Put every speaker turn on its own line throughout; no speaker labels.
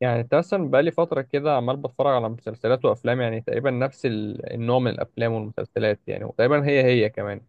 يعني انت مثلا بقالي فترة كده عمال بتفرج على مسلسلات وأفلام، يعني تقريبا نفس النوع من الأفلام والمسلسلات، يعني وتقريبا هي هي كمان.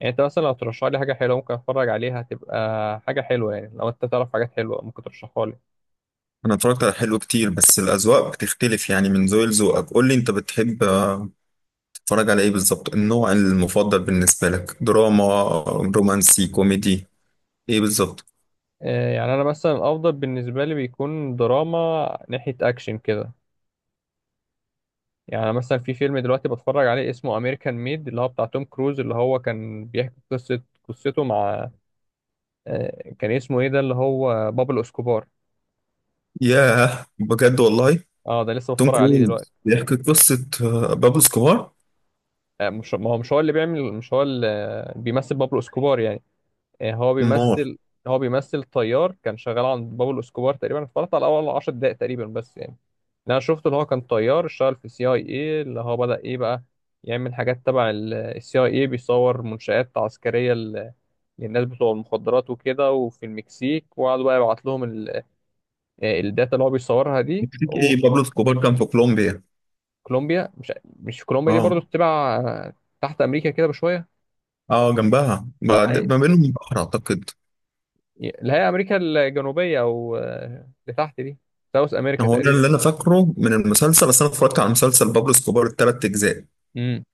يعني انت مثلا لو ترشح لي حاجة حلوة ممكن أتفرج عليها، هتبقى حاجة حلوة. يعني لو انت تعرف حاجات حلوة ممكن ترشحها لي.
انا اتفرجت على حلو كتير، بس الاذواق بتختلف يعني من ذوق لذوقك. قول لي انت بتحب، تتفرج على ايه بالظبط؟ النوع المفضل بالنسبه لك دراما، رومانسي، كوميدي، ايه بالظبط؟
آه، يعني أنا مثلا الأفضل بالنسبة لي بيكون دراما ناحية أكشن كده. يعني مثلا في فيلم دلوقتي بتفرج عليه اسمه أمريكان ميد، اللي هو بتاع توم كروز، اللي هو كان بيحكي قصته مع كان اسمه ايه ده، اللي هو بابلو اسكوبار.
ياه بجد والله.
اه، ده لسه
توم
بتفرج عليه دلوقتي.
كروز بيحكي قصه بابلو سكوبار.
مش ما هو مش هو اللي بيعمل مش هو اللي بيمثل بابلو اسكوبار يعني. آه، هو
مار
بيمثل هو بيمثل طيار كان شغال عند بابلو اسكوبار. تقريبا اتفرجت على اول 10 دقائق تقريبا بس يعني. اللي انا شفته اللي هو كان طيار اشتغل في سي اي اي، اللي هو بدأ ايه بقى يعمل حاجات تبع السي اي اي، بيصور منشآت عسكرية للناس بتوع المخدرات وكده، وفي المكسيك، وقعدوا بقى يبعت لهم الداتا اللي هو بيصورها دي.
يكفيك ايه؟ بابلو سكوبار كان في كولومبيا.
وكولومبيا، مش كولومبيا دي برضو
اه.
تبع تحت امريكا كده بشوية.
اه جنبها، بعد ما بينهم بحر اعتقد.
اللي هي امريكا الجنوبيه، او اللي تحت دي، ساوث امريكا
هو ده
تقريبا.
اللي انا فاكره من المسلسل، بس انا اتفرجت على مسلسل بابلو سكوبار الثلاث اجزاء.
امم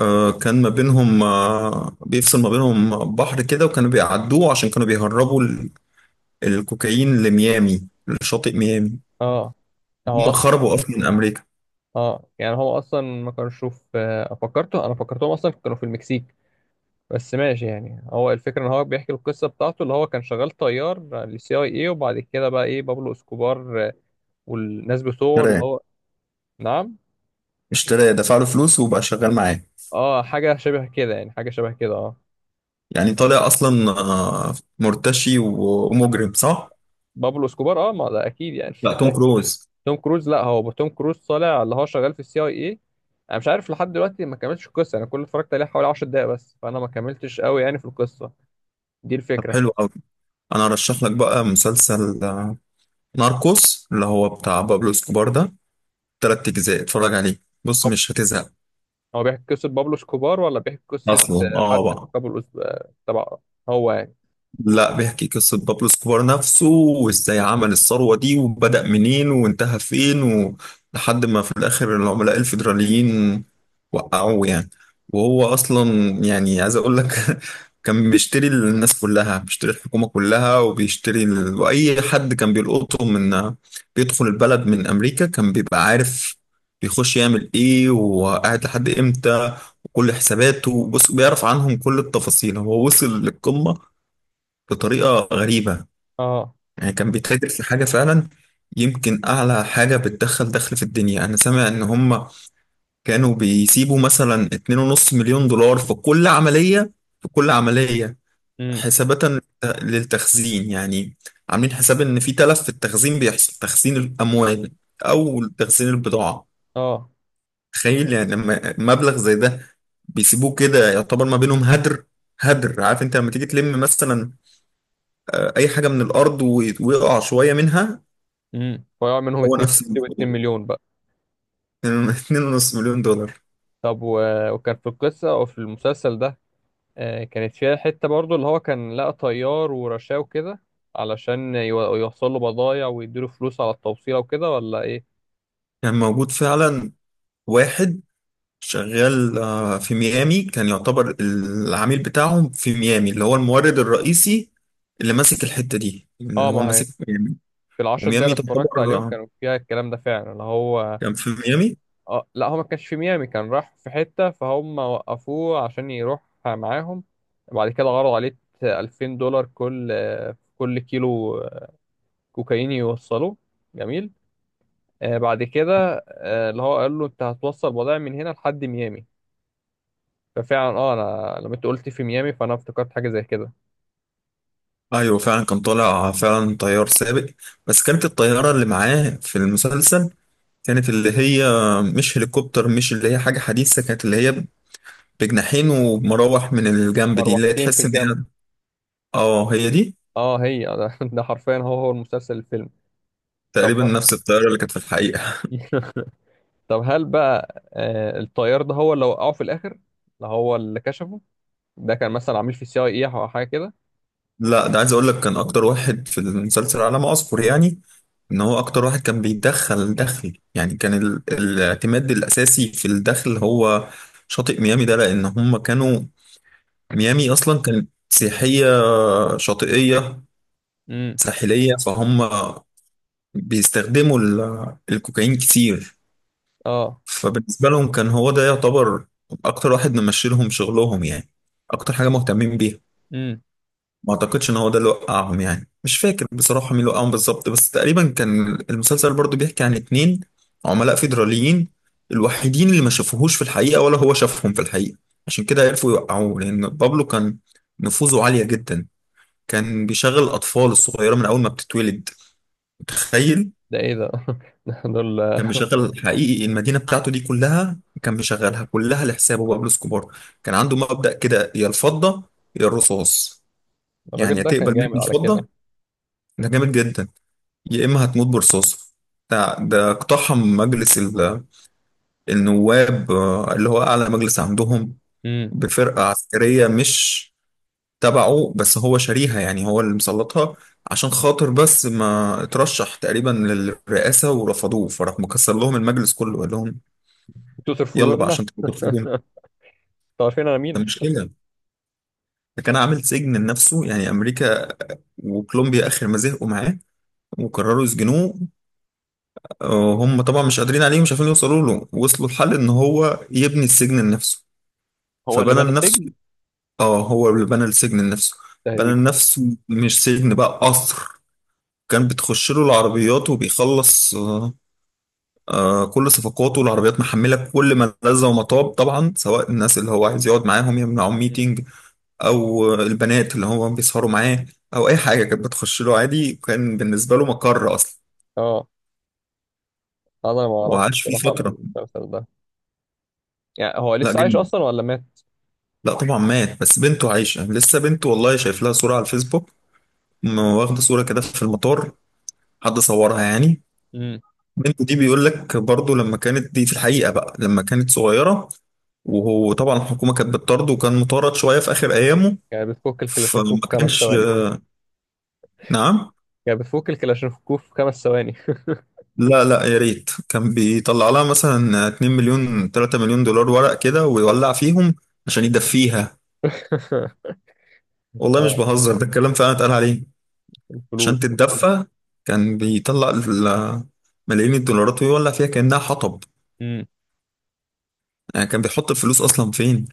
كان ما بينهم، بيفصل ما بينهم بحر كده، وكانوا بيعدوه عشان كانوا بيهربوا الكوكايين لميامي، لشاطئ ميامي.
اه، هو
هم
اصلا
خربوا اصلا من امريكا.
هو اصلا ما كانش شوف، فكرته، انا فكرتهم اصلا كانوا في المكسيك. بس ماشي، يعني هو الفكره ان هو بيحكي القصه بتاعته، اللي هو كان شغال طيار للسي اي اي، وبعد كده بقى ايه بابلو اسكوبار والناس بتوعه اللي
اشتراه.
هو. نعم.
اشتراه، دفع له فلوس وبقى شغال معاه.
اه، حاجه شبه كده يعني، حاجه شبه كده، اه.
يعني طالع اصلا مرتشي ومجرم، صح؟
بابلو اسكوبار اه، ما ده اكيد يعني.
لا، توم كروز.
توم كروز، لا هو توم كروز طالع اللي هو شغال في السي اي اي. انا مش عارف لحد دلوقتي، ما كملتش القصه، انا كل اللي اتفرجت عليه حوالي 10 دقايق بس، فانا ما كملتش قوي يعني في القصه دي
طب
الفكره.
حلو قوي. انا ارشح لك بقى مسلسل ناركوس، اللي هو بتاع بابلو اسكوبار ده. تلات اجزاء، اتفرج عليه، بص
طب
مش هتزهق.
هو بيحكي قصه بابلو سكوبار، ولا بيحكي قصه
اصلا اه
حد في
بقى.
قبل تبع، هو يعني.
لا، بيحكي قصة بابلو اسكوبار نفسه، وازاي عمل الثروة دي، وبدأ منين وانتهى فين، و لحد ما في الآخر العملاء الفيدراليين وقعوه يعني. وهو أصلا يعني عايز أقول لك كان بيشتري الناس كلها، بيشتري الحكومة كلها، وبيشتري وأي حد كان بيلقطه من بيدخل البلد من أمريكا كان بيبقى عارف بيخش يعمل ايه وقاعد لحد امتى، وكل حساباته بص بيعرف عنهم كل التفاصيل. هو وصل للقمة بطريقة غريبة.
اه.
يعني كان بيتاجر في حاجة فعلا، يمكن أعلى حاجة بتدخل دخل في الدنيا. أنا سامع إن هم كانوا بيسيبوا مثلا 2.5 مليون دولار في كل عملية، في كل عملية،
امم
حسابة للتخزين يعني. عاملين حساب إن في تلف في التخزين بيحصل، تخزين الأموال أو تخزين البضاعة.
اه
تخيل يعني لما مبلغ زي ده بيسيبوه كده، يعتبر ما بينهم هدر. هدر. عارف انت لما تيجي تلم مثلا اي حاجه من الارض ويقع شويه منها،
ويقع منهم
هو
2.
نفس الموضوع.
2 مليون بقى.
2.5 مليون دولار.
طب وكان في القصه وفي المسلسل ده، كانت فيها حتة برضو اللي هو كان لقى طيار ورشاه وكده، علشان يوصل له بضايع ويديله فلوس على التوصيلة وكده، ولا ايه؟
كان موجود فعلا واحد شغال في ميامي، كان يعتبر العميل بتاعهم في ميامي، اللي هو المورد
مم.
الرئيسي، اللي ماسك الحته دي، اللي
اه ما
هو
هي،
ماسك ميامي.
في العشر دقايق اللي
وميامي
اتفرجت
تعتبر
عليهم كانوا فيها الكلام ده فعلا اللي هو.
كان في ميامي.
اه لا، هو ما كانش في ميامي، كان راح في حتة فهم وقفوه عشان يروح معاهم. بعد كده عرضوا عليه 2000 دولار، كل كيلو كوكايين يوصلوه. جميل. بعد كده اللي هو قال له انت هتوصل بضائع من هنا لحد ميامي. فعلا اه، انا لما انت قلت في ميامي فانا افتكرت حاجه زي كده.
ايوه فعلا، كان طالع فعلا طيار سابق، بس كانت الطياره اللي معاه في المسلسل كانت اللي هي مش هليكوبتر، مش اللي هي حاجه حديثه، كانت اللي هي بجناحين ومراوح من الجنب، دي اللي هي
مروحتين في
تحس ان
الجنب.
هي. اه هي دي.
اه هي ده، ده حرفيا هو المسلسل الفيلم.
تقريبا
طب.
نفس الطياره اللي كانت في الحقيقه.
طب هل بقى الطيار ده هو اللي وقعه في الاخر، اللي هو اللي كشفه، ده كان مثلا عميل في السي اي اي او حاجه كده؟
لا ده، عايز اقول لك، كان اكتر واحد في المسلسل على ما اذكر يعني. ان هو اكتر واحد كان بيدخل دخل يعني. كان الاعتماد الاساسي في الدخل هو شاطئ ميامي ده، لان هم كانوا ميامي اصلا كانت سياحيه شاطئيه
امم
ساحليه، فهم بيستخدموا الكوكايين كتير.
اه
فبالنسبة لهم كان هو ده يعتبر أكتر واحد ممشي لهم شغلهم يعني، أكتر حاجة مهتمين بيها.
امم
ما أعتقدش إن هو ده اللي وقعهم يعني، مش فاكر بصراحة مين اللي وقعهم بالظبط، بس تقريبا كان المسلسل برضو بيحكي عن اتنين عملاء فيدراليين، الوحيدين اللي ما شافوهوش في الحقيقة ولا هو شافهم في الحقيقة. عشان كده عرفوا يوقعوه، لأن بابلو كان نفوذه عالية جدا. كان بيشغل الأطفال الصغيرة من أول ما بتتولد. تخيل.
ده ايه ده، دول.
كان مشغل حقيقي، المدينة بتاعته دي كلها كان مشغلها كلها لحسابه، بابلو اسكوبار. كان عنده مبدأ كده، يا الفضة يا الرصاص. يعني
الراجل
يا
ده كان
تقبل مني
جامد على كده.
الفضة، ده جامد جدا، يا إما هتموت برصاص. ده اقتحم مجلس النواب، اللي هو أعلى مجلس عندهم،
امم
بفرقة عسكرية مش تبعه، بس هو شاريها، يعني هو اللي مسلطها. عشان خاطر بس ما اترشح تقريبا للرئاسة ورفضوه، فراح مكسر لهم المجلس كله، قال لهم
انتوا
يلا
ترفضون
بقى
انا،
عشان تبقى في الجون.
انتوا عارفين انا
ده
مين.
مش كده، ده كان عامل سجن لنفسه يعني. امريكا وكولومبيا اخر ما زهقوا معاه وقرروا يسجنوه، هم طبعا مش قادرين عليه ومش عارفين يوصلوا له، وصلوا لحل ان هو يبني السجن لنفسه.
هو اللي
فبنى
بنى
لنفسه،
السجن؟
اه هو اللي بنى السجن لنفسه. بنى
تقريبا.
لنفسه مش سجن بقى، قصر. كان بتخش له العربيات وبيخلص كل صفقاته، العربيات محمله كل ما لذ وما طاب طبعا، سواء الناس اللي هو عايز يقعد معاهم يمنعهم
مم.
ميتنج، او البنات اللي هو بيسهروا معاه، او اي حاجه. كانت بتخش له عادي وكان بالنسبه له مقر اصلا،
اه انا ما اعرفش
وعاش فيه
الصراحه
فتره.
المسلسل ده. يعني هو
لا
لسه عايش
جدا،
اصلا ولا مات؟
لا طبعا مات. بس بنته عايشه لسه، بنته والله شايف لها صوره على الفيسبوك، واخده صوره كده في المطار، حد صورها يعني.
امم
بنته دي بيقول لك برضه، لما كانت دي في الحقيقه بقى، لما كانت صغيره، وهو طبعا الحكومه كانت بتطرده وكان مطارد شويه في اخر ايامه.
يعني بتفك
فما
الكلاشينكوف في خمس
كانش.
ثواني
نعم.
يعني بتفك الكلاشينكوف في خمس ثواني.
لا لا، يا ريت. كان بيطلع لها مثلا 2 مليون 3 مليون دولار ورق كده ويولع فيهم عشان يدفيها. والله مش
اه،
بهزر، ده الكلام فعلا اتقال عليه. عشان
الفلوس.
تتدفى، كان بيطلع ملايين الدولارات ويولع فيها كأنها حطب.
امم
يعني كان بيحط الفلوس أصلا فين؟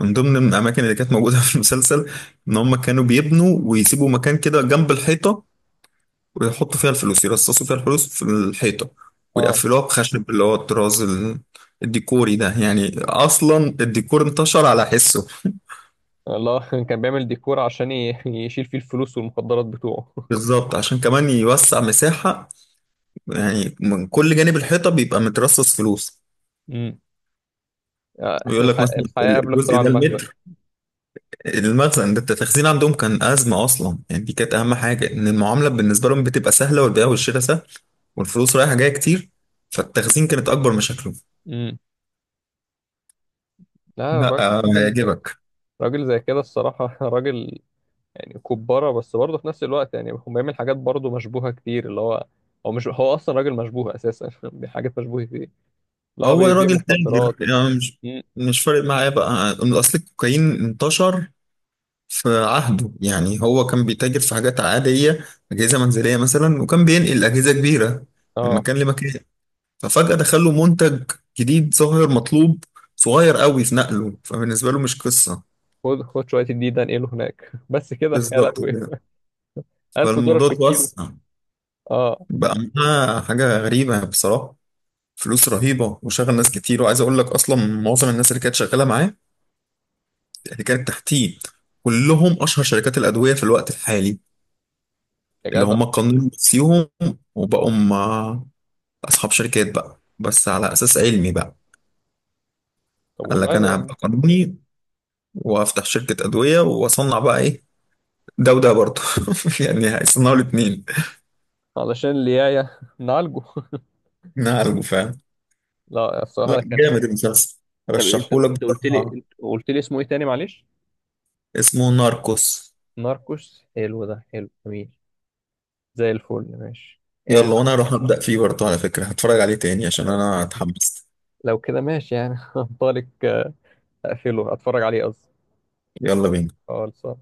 من ضمن الأماكن اللي كانت موجودة في المسلسل، إن هم كانوا بيبنوا ويسيبوا مكان كده جنب الحيطة، ويحطوا فيها الفلوس، يرصصوا فيها الفلوس في الحيطة،
اه.
ويقفلوها بخشب اللي هو الطراز الديكوري ده. يعني أصلا الديكور انتشر على حسه.
الله. كان بيعمل ديكور عشان يشيل فيه الفلوس والمخدرات بتوعه.
بالظبط، عشان كمان يوسع مساحة، يعني من كل جانب الحيطة بيبقى مترصص فلوس.
امم
ويقول لك مثلا
الحياة قبل
الجزء
اختراع
ده
المخزن.
المتر. المخزن ده، التخزين عندهم كان أزمة أصلا يعني، دي كانت أهم حاجة. إن المعاملة بالنسبة لهم بتبقى سهلة، والبيع والشراء سهل، والفلوس رايحة جاية كتير، فالتخزين كانت أكبر مشاكله.
امم لا،
لا
راجل راجل.
هيعجبك.
راجل زي كده الصراحة. راجل يعني كبارة، بس برضه في نفس الوقت يعني هو بيعمل حاجات برضه مشبوهة كتير اللي هو. هو مش هو أصلا راجل مشبوه أساسا. حاجات مشبوهة فيه، اللي هو
هو
بيبيع
الراجل تاجر
مخدرات.
يعني، مش
امم
مش فارق معاه بقى. اصل الكوكايين انتشر في عهده. يعني هو كان بيتاجر في حاجات عادية، أجهزة منزلية مثلا، وكان بينقل أجهزة كبيرة من
اه.
مكان لمكان. ففجأة دخل له منتج جديد، ظاهر مطلوب، صغير قوي في نقله، فبالنسبة له مش قصة.
خد خد شويه الدين ده انقله هناك، بس كده يا
بالظبط
لهوي.
كده.
1000 دولار
فالموضوع
في الكيلو.
اتوسع،
اه
بقى معاه حاجة غريبة بصراحة، فلوس رهيبة وشغل ناس كتير. وعايز أقول لك أصلا معظم الناس اللي كانت شغالة معاه، اللي كانت تحتيه، كلهم اشهر شركات الادويه في الوقت الحالي،
يا
اللي
جدع.
هم قانون نفسيهم وبقوا هم اصحاب شركات بقى، بس على اساس علمي بقى.
طب
قال لك
والله،
انا
ده
هبقى قانوني وافتح شركه ادويه واصنع بقى ايه؟ ده وده برضه يعني هيصنعوا الاثنين.
علشان اللي جايه نعالجه.
نعالجه، فاهم.
لا الصراحه
لا
ده كان.
جامد المسلسل،
طب انت
رشحهولك
انت قلت لي
بصراحه.
انت قلت لي اسمه ايه تاني، معلش؟
اسمه ناركوس.
ناركوس. حلو، ده حلو جميل، زي الفل، ماشي. يعني
يلا،
لو
وانا هروح ابدا فيه برضه على فكره هتفرج عليه تاني عشان انا اتحمست.
لو كده ماشي يعني، هنطلق. اقفله، اتفرج عليه قصدي.
يلا بينا.
خالص.